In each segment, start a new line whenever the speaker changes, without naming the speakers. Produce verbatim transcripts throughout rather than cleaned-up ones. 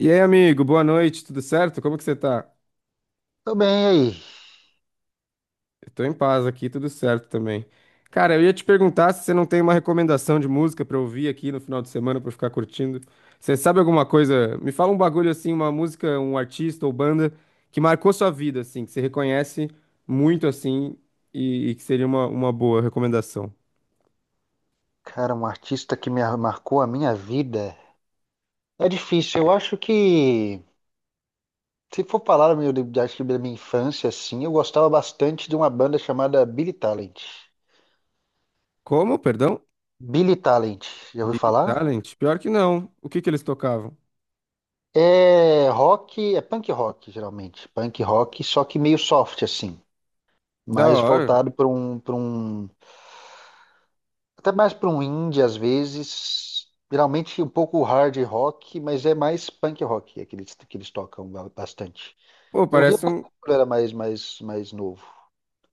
E aí, amigo, boa noite, tudo certo? Como que você tá?
Tô bem, e aí?
Eu tô em paz aqui, tudo certo também. Cara, eu ia te perguntar se você não tem uma recomendação de música pra ouvir aqui no final de semana pra eu ficar curtindo. Você sabe alguma coisa? Me fala um bagulho assim, uma música, um artista ou banda que marcou sua vida, assim, que você reconhece muito assim e, e que seria uma, uma boa recomendação.
Cara, um artista que me ar- marcou a minha vida. É difícil, eu acho que. Se for falar meu, de- acho que da minha infância, assim, eu gostava bastante de uma banda chamada Billy Talent.
Como, perdão?
Billy Talent, já ouviu
Big
falar?
Talent? Pior que não. O que que eles tocavam?
É rock, é punk rock, geralmente. Punk rock, só que meio soft, assim.
Da
Mais
hora.
voltado para um, para um. Até mais para um indie, às vezes. Geralmente um pouco hard rock, mas é mais punk rock, aqueles que eles tocam ba- bastante.
Pô,
Eu via
parece um.
bastante quando era mais, mais, mais novo.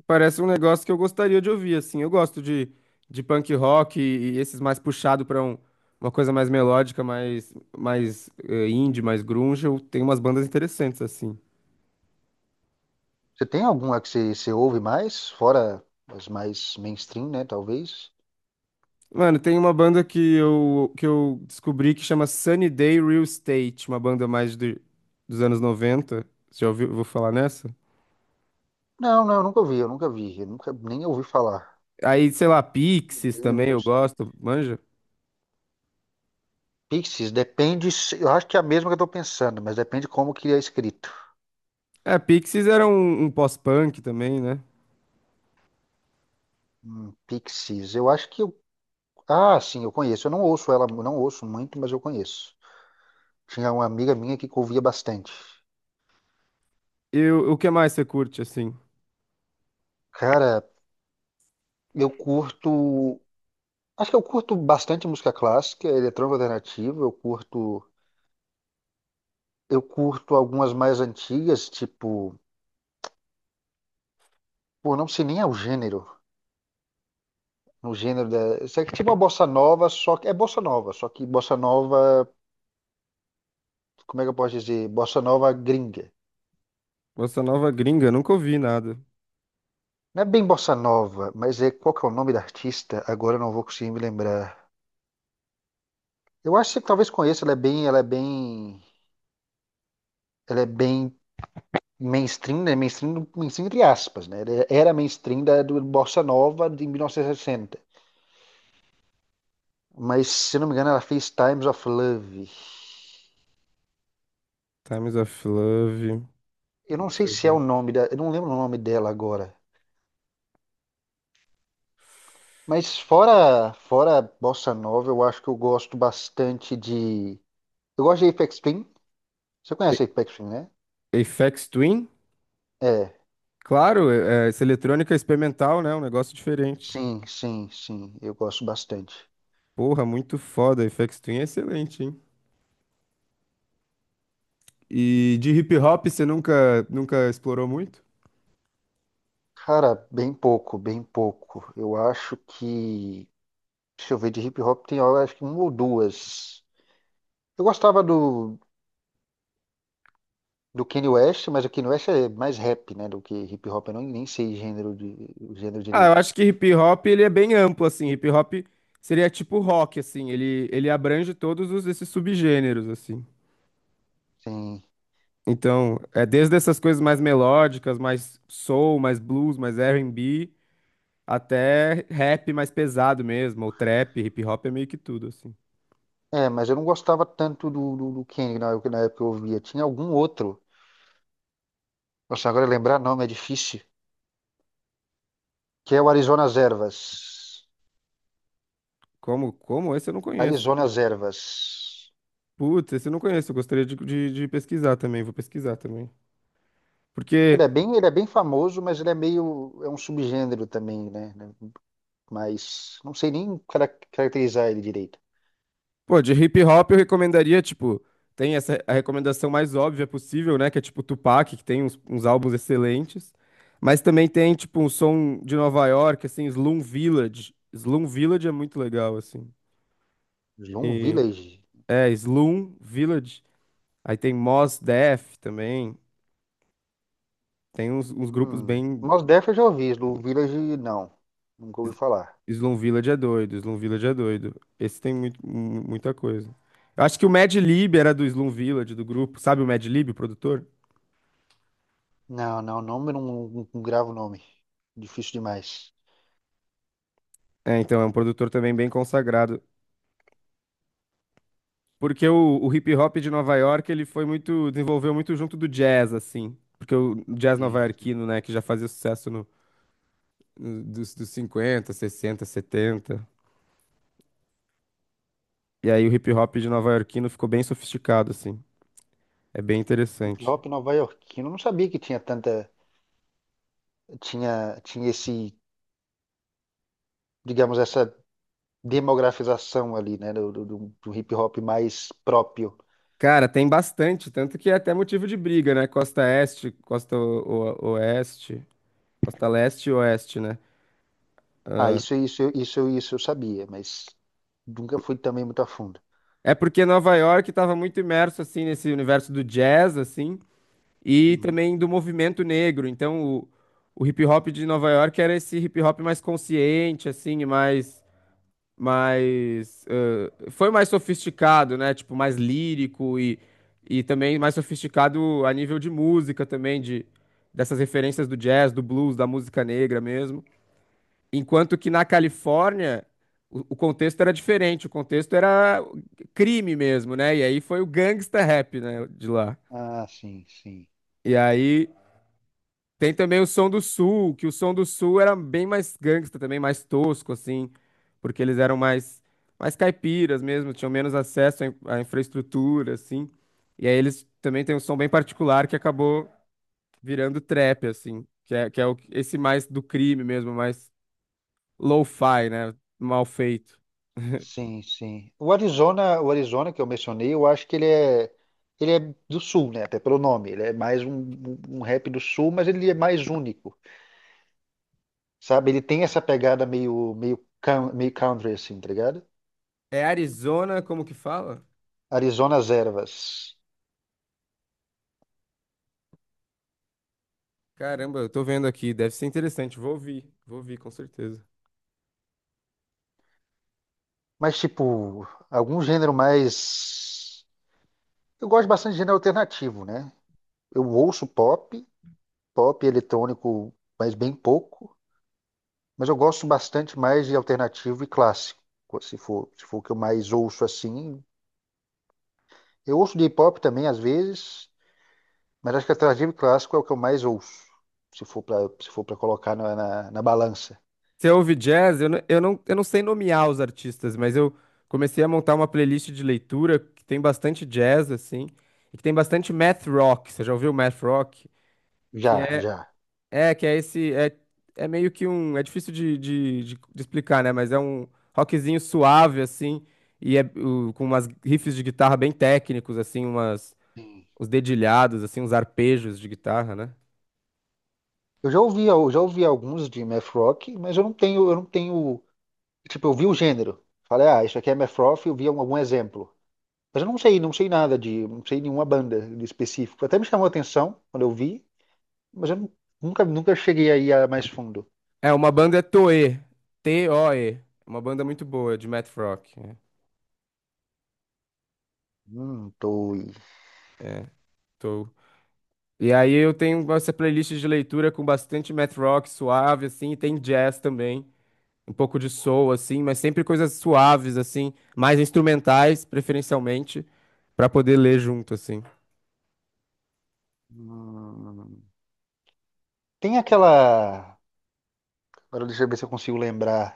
Parece um negócio que eu gostaria de ouvir, assim. Eu gosto de, de punk rock e, e esses mais puxado pra um- uma coisa mais melódica, mais, mais eh, indie, mais grunge. Eu tenho umas bandas interessantes, assim.
Você tem alguma que você, você ouve mais? Fora as mais mainstream, né? Talvez.
Mano, tem uma banda que eu, que eu descobri que chama Sunny Day Real Estate, uma banda mais de, dos anos noventa. Você já ouviu? Vou falar nessa?
Não, não, eu nunca ouvi, eu nunca vi. Eu nunca nem ouvi falar.
Aí, sei lá, Pixies
Day
também
Real
eu
Estate.
gosto, manja?
Pixies, depende. se- Eu acho que é a mesma que eu tô pensando, mas depende como que é escrito.
É, Pixies era um, um pós-punk também, né?
Hum, Pixies, eu acho que eu. Ah, sim, eu conheço. Eu não ouço ela, eu não ouço muito, mas eu conheço. Tinha uma amiga minha que ouvia bastante.
E o o que mais você curte, assim?
Cara, eu curto. Acho que eu curto bastante música clássica, eletrônica alternativa, eu curto, eu curto algumas mais antigas, tipo, pô, não sei nem é o gênero, o gênero da, isso é tipo uma bossa nova, só que é bossa nova, só que bossa nova, como é que eu posso dizer? Bossa nova gringa.
Bossa Nova gringa, nunca ouvi nada.
Não é bem bossa nova, mas é qual que é o nome da artista? Agora eu não vou conseguir me lembrar. Eu acho que você talvez conheça, ela é bem, ela é bem, ela é bem mainstream, né? Mainstream, mainstream entre aspas, né? Ela era mainstream da do bossa nova de mil novecentos e sessenta. Mas, se não me engano, ela fez Times of Love.
Times of Love.
Eu não
Deixa
sei
eu
se é o
ver.
nome da. Eu não lembro o nome dela agora. Mas fora, fora Bossa Nova, eu acho que eu gosto bastante de. Eu gosto de Apex Twin. Você conhece Apex Twin, né?
A- Aphex Twin?
É.
Claro, é, é, essa eletrônica é experimental, né? Um negócio diferente.
Sim, sim, sim. Eu gosto bastante.
Porra, muito foda. Aphex Twin é excelente, hein? E de hip hop você nunca, nunca explorou muito?
Cara, bem pouco, bem pouco. Eu acho que. Deixa eu ver, de hip hop tem, eu acho que uma ou duas. Eu gostava do do Kanye West, mas o Kanye West é mais rap, né, do que hip hop. Eu não, nem sei gênero de, o gênero
Ah, eu
direito.
acho que hip hop ele é bem amplo, assim. Hip hop seria tipo rock, assim. Ele, ele abrange todos os, esses subgêneros, assim.
Sim.
Então, é desde essas coisas mais melódicas, mais soul, mais blues, mais R e B, até rap mais pesado mesmo, ou trap, hip hop é meio que tudo, assim.
É, mas eu não gostava tanto do, do, do Kanye na, na época que eu ouvia. Tinha algum outro. Nossa, agora lembrar nome é difícil. Que é o Arizona Ervas.
Como, como esse eu não conheço.
Arizona Ervas.
Putz, esse eu não conheço, eu gostaria de, de, de pesquisar também, vou pesquisar também.
Ele é
Porque,
bem, ele é bem famoso, mas ele é meio, é um subgênero também, né? né, mas não sei nem cara- caracterizar ele direito.
pô, de hip hop eu recomendaria, tipo, tem essa a recomendação mais óbvia possível, né? Que é tipo Tupac, que tem uns, uns álbuns excelentes. Mas também tem, tipo, um som de Nova York, assim, Slum Village. Slum Village é muito legal, assim.
Slum
E,
Village.
é, Slum Village. Aí tem Mos Def também. Tem uns, uns grupos
Hum.
bem.
Mos Def eu já ouvi, Slum Village não. Nunca ouvi falar.
Slum Village é doido, Slum Village é doido. Esse tem muito, mu- muita coisa. Eu acho que o Mad Lib era do Slum Village, do grupo. Sabe o Mad Lib, o produtor?
Não, não, nome eu não, não, não gravo nome. Difícil demais.
É, então, é um produtor também bem consagrado. Porque o, o hip hop de Nova York, ele foi muito, desenvolveu muito junto do jazz, assim. Porque o jazz
Sim, sim.
novaiarquino, né, que já fazia sucesso no, no- dos, dos, cinquenta, sessenta, setenta. E aí o hip hop de nova Yorkino ficou bem sofisticado, assim. É bem
Hip
interessante.
hop nova-iorquino, eu não sabia que tinha tanta, tinha, tinha esse, digamos, essa demografização ali, né, do, do, do- do hip hop mais próprio.
Cara, tem bastante, tanto que é até motivo de briga, né? Costa Este, Costa o- o- Oeste, Costa Leste e Oeste, né?
Ah, isso, isso, isso, isso eu sabia, mas nunca fui também muito a fundo.
É porque Nova York estava muito imerso, assim, nesse universo do jazz, assim, e
Uhum.
também do movimento negro. Então, o, o hip hop de Nova York era esse hip hop mais consciente, assim, e mais, mais foi mais sofisticado, né? Tipo, mais lírico e, e também mais sofisticado a nível de música também, de, dessas referências do jazz, do blues, da música negra mesmo. Enquanto que na Califórnia o, o contexto era diferente, o contexto era crime mesmo, né? E aí foi o gangsta rap, né, de lá.
Ah, sim, sim.
E aí tem também o Som do Sul, que o Som do Sul era bem mais gangsta também, mais tosco, assim, porque eles eram mais, mais, caipiras mesmo, tinham menos acesso à in- à infraestrutura, assim. E aí eles também têm um som bem particular que acabou virando trap, assim, que é, que é o- esse mais do crime mesmo, mais lo-fi, né? Mal feito.
Sim, sim. O Arizona, o Arizona que eu mencionei, eu acho que ele é, ele é do sul, né? Até pelo nome. Ele é mais um, um um rap do sul, mas ele é mais único, sabe? Ele tem essa pegada meio, meio, coun- meio country, assim, tá ligado?
É Arizona, como que fala?
Arizona as Ervas.
Caramba, eu tô vendo aqui, deve ser interessante, vou ouvir, vou ouvir com certeza.
Mas, tipo, algum gênero mais. Eu gosto bastante de gênero alternativo, né? Eu ouço pop, pop eletrônico, mas bem pouco. Mas eu gosto bastante mais de alternativo e clássico, se for, se for o que eu mais ouço assim. Eu ouço de hip hop também às vezes, mas acho que alternativo e clássico é o que eu mais ouço, se for para se for para colocar na, na, na balança.
Você ouve jazz? Eu não, eu não, eu não sei nomear os artistas, mas eu comecei a montar uma playlist de leitura que tem bastante jazz, assim, e que tem bastante math rock. Você já ouviu math rock? Que
Já,
é,
já.
é, que é esse, é, é meio que um, é difícil de, de, de, de explicar, né? Mas é um rockzinho suave, assim, e é o- com umas riffs de guitarra bem técnicos, assim, umas,
Sim.
uns dedilhados, assim, uns arpejos de guitarra, né?
Eu já ouvi, eu já ouvi alguns de math rock, mas eu não tenho, eu não tenho, tipo, eu vi o gênero. Falei, ah, isso aqui é math rock, eu vi algum algum exemplo. Mas eu não sei, não sei nada de, não sei nenhuma banda de específico. Até me chamou a atenção quando eu vi, mas eu nu- nunca, nunca cheguei aí a mais fundo.
É, uma banda é Toe, T O E. É uma banda muito boa de math rock. É.
Um, dois.
É. Tô. E aí eu tenho essa playlist de leitura com bastante math rock suave, assim, e tem jazz também, um pouco de soul, assim, mas sempre coisas suaves, assim, mais instrumentais, preferencialmente, pra poder ler junto, assim.
Hum. Tem aquela. Agora deixa eu ver se eu consigo lembrar.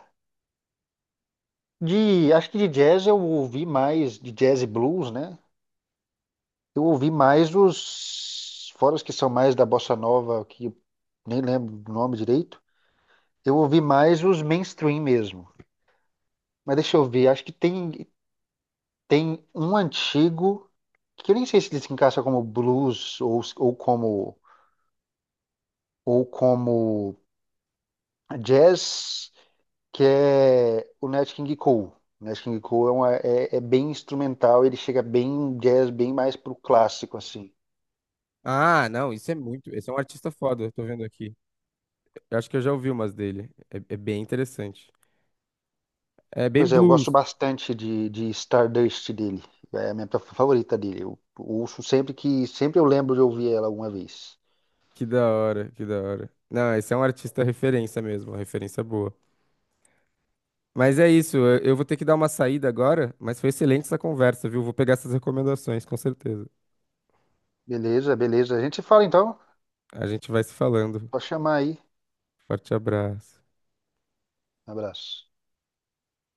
De, acho que de jazz eu ouvi mais, de jazz e blues, né? Eu ouvi mais os, fora os que são mais da bossa nova, que eu nem lembro do nome direito. Eu ouvi mais os mainstream mesmo. Mas deixa eu ver, acho que tem, tem, um antigo, que eu nem sei se ele se encaixa como blues ou, ou como, ou como jazz, que é o Nat King Cole. O Nat King Cole é, uma- é- é bem instrumental, ele chega bem jazz, bem mais pro clássico, assim.
Ah, não, isso é muito. Esse é um artista foda, eu tô vendo aqui. Eu acho que eu já ouvi umas dele. É, é bem interessante. É bem
Pois é, eu gosto
blues.
bastante de, de Stardust dele. É a minha favorita dele. Eu ouço sempre que sempre eu lembro de ouvir ela alguma vez.
Que da hora, que da hora. Não, esse é um artista referência mesmo, uma referência boa. Mas é isso, eu eu vou ter que dar uma saída agora, mas foi excelente essa conversa, viu? Vou pegar essas recomendações, com certeza.
Beleza, beleza. A gente se fala então.
A gente vai se falando.
Pode chamar aí.
Forte abraço.
Um abraço.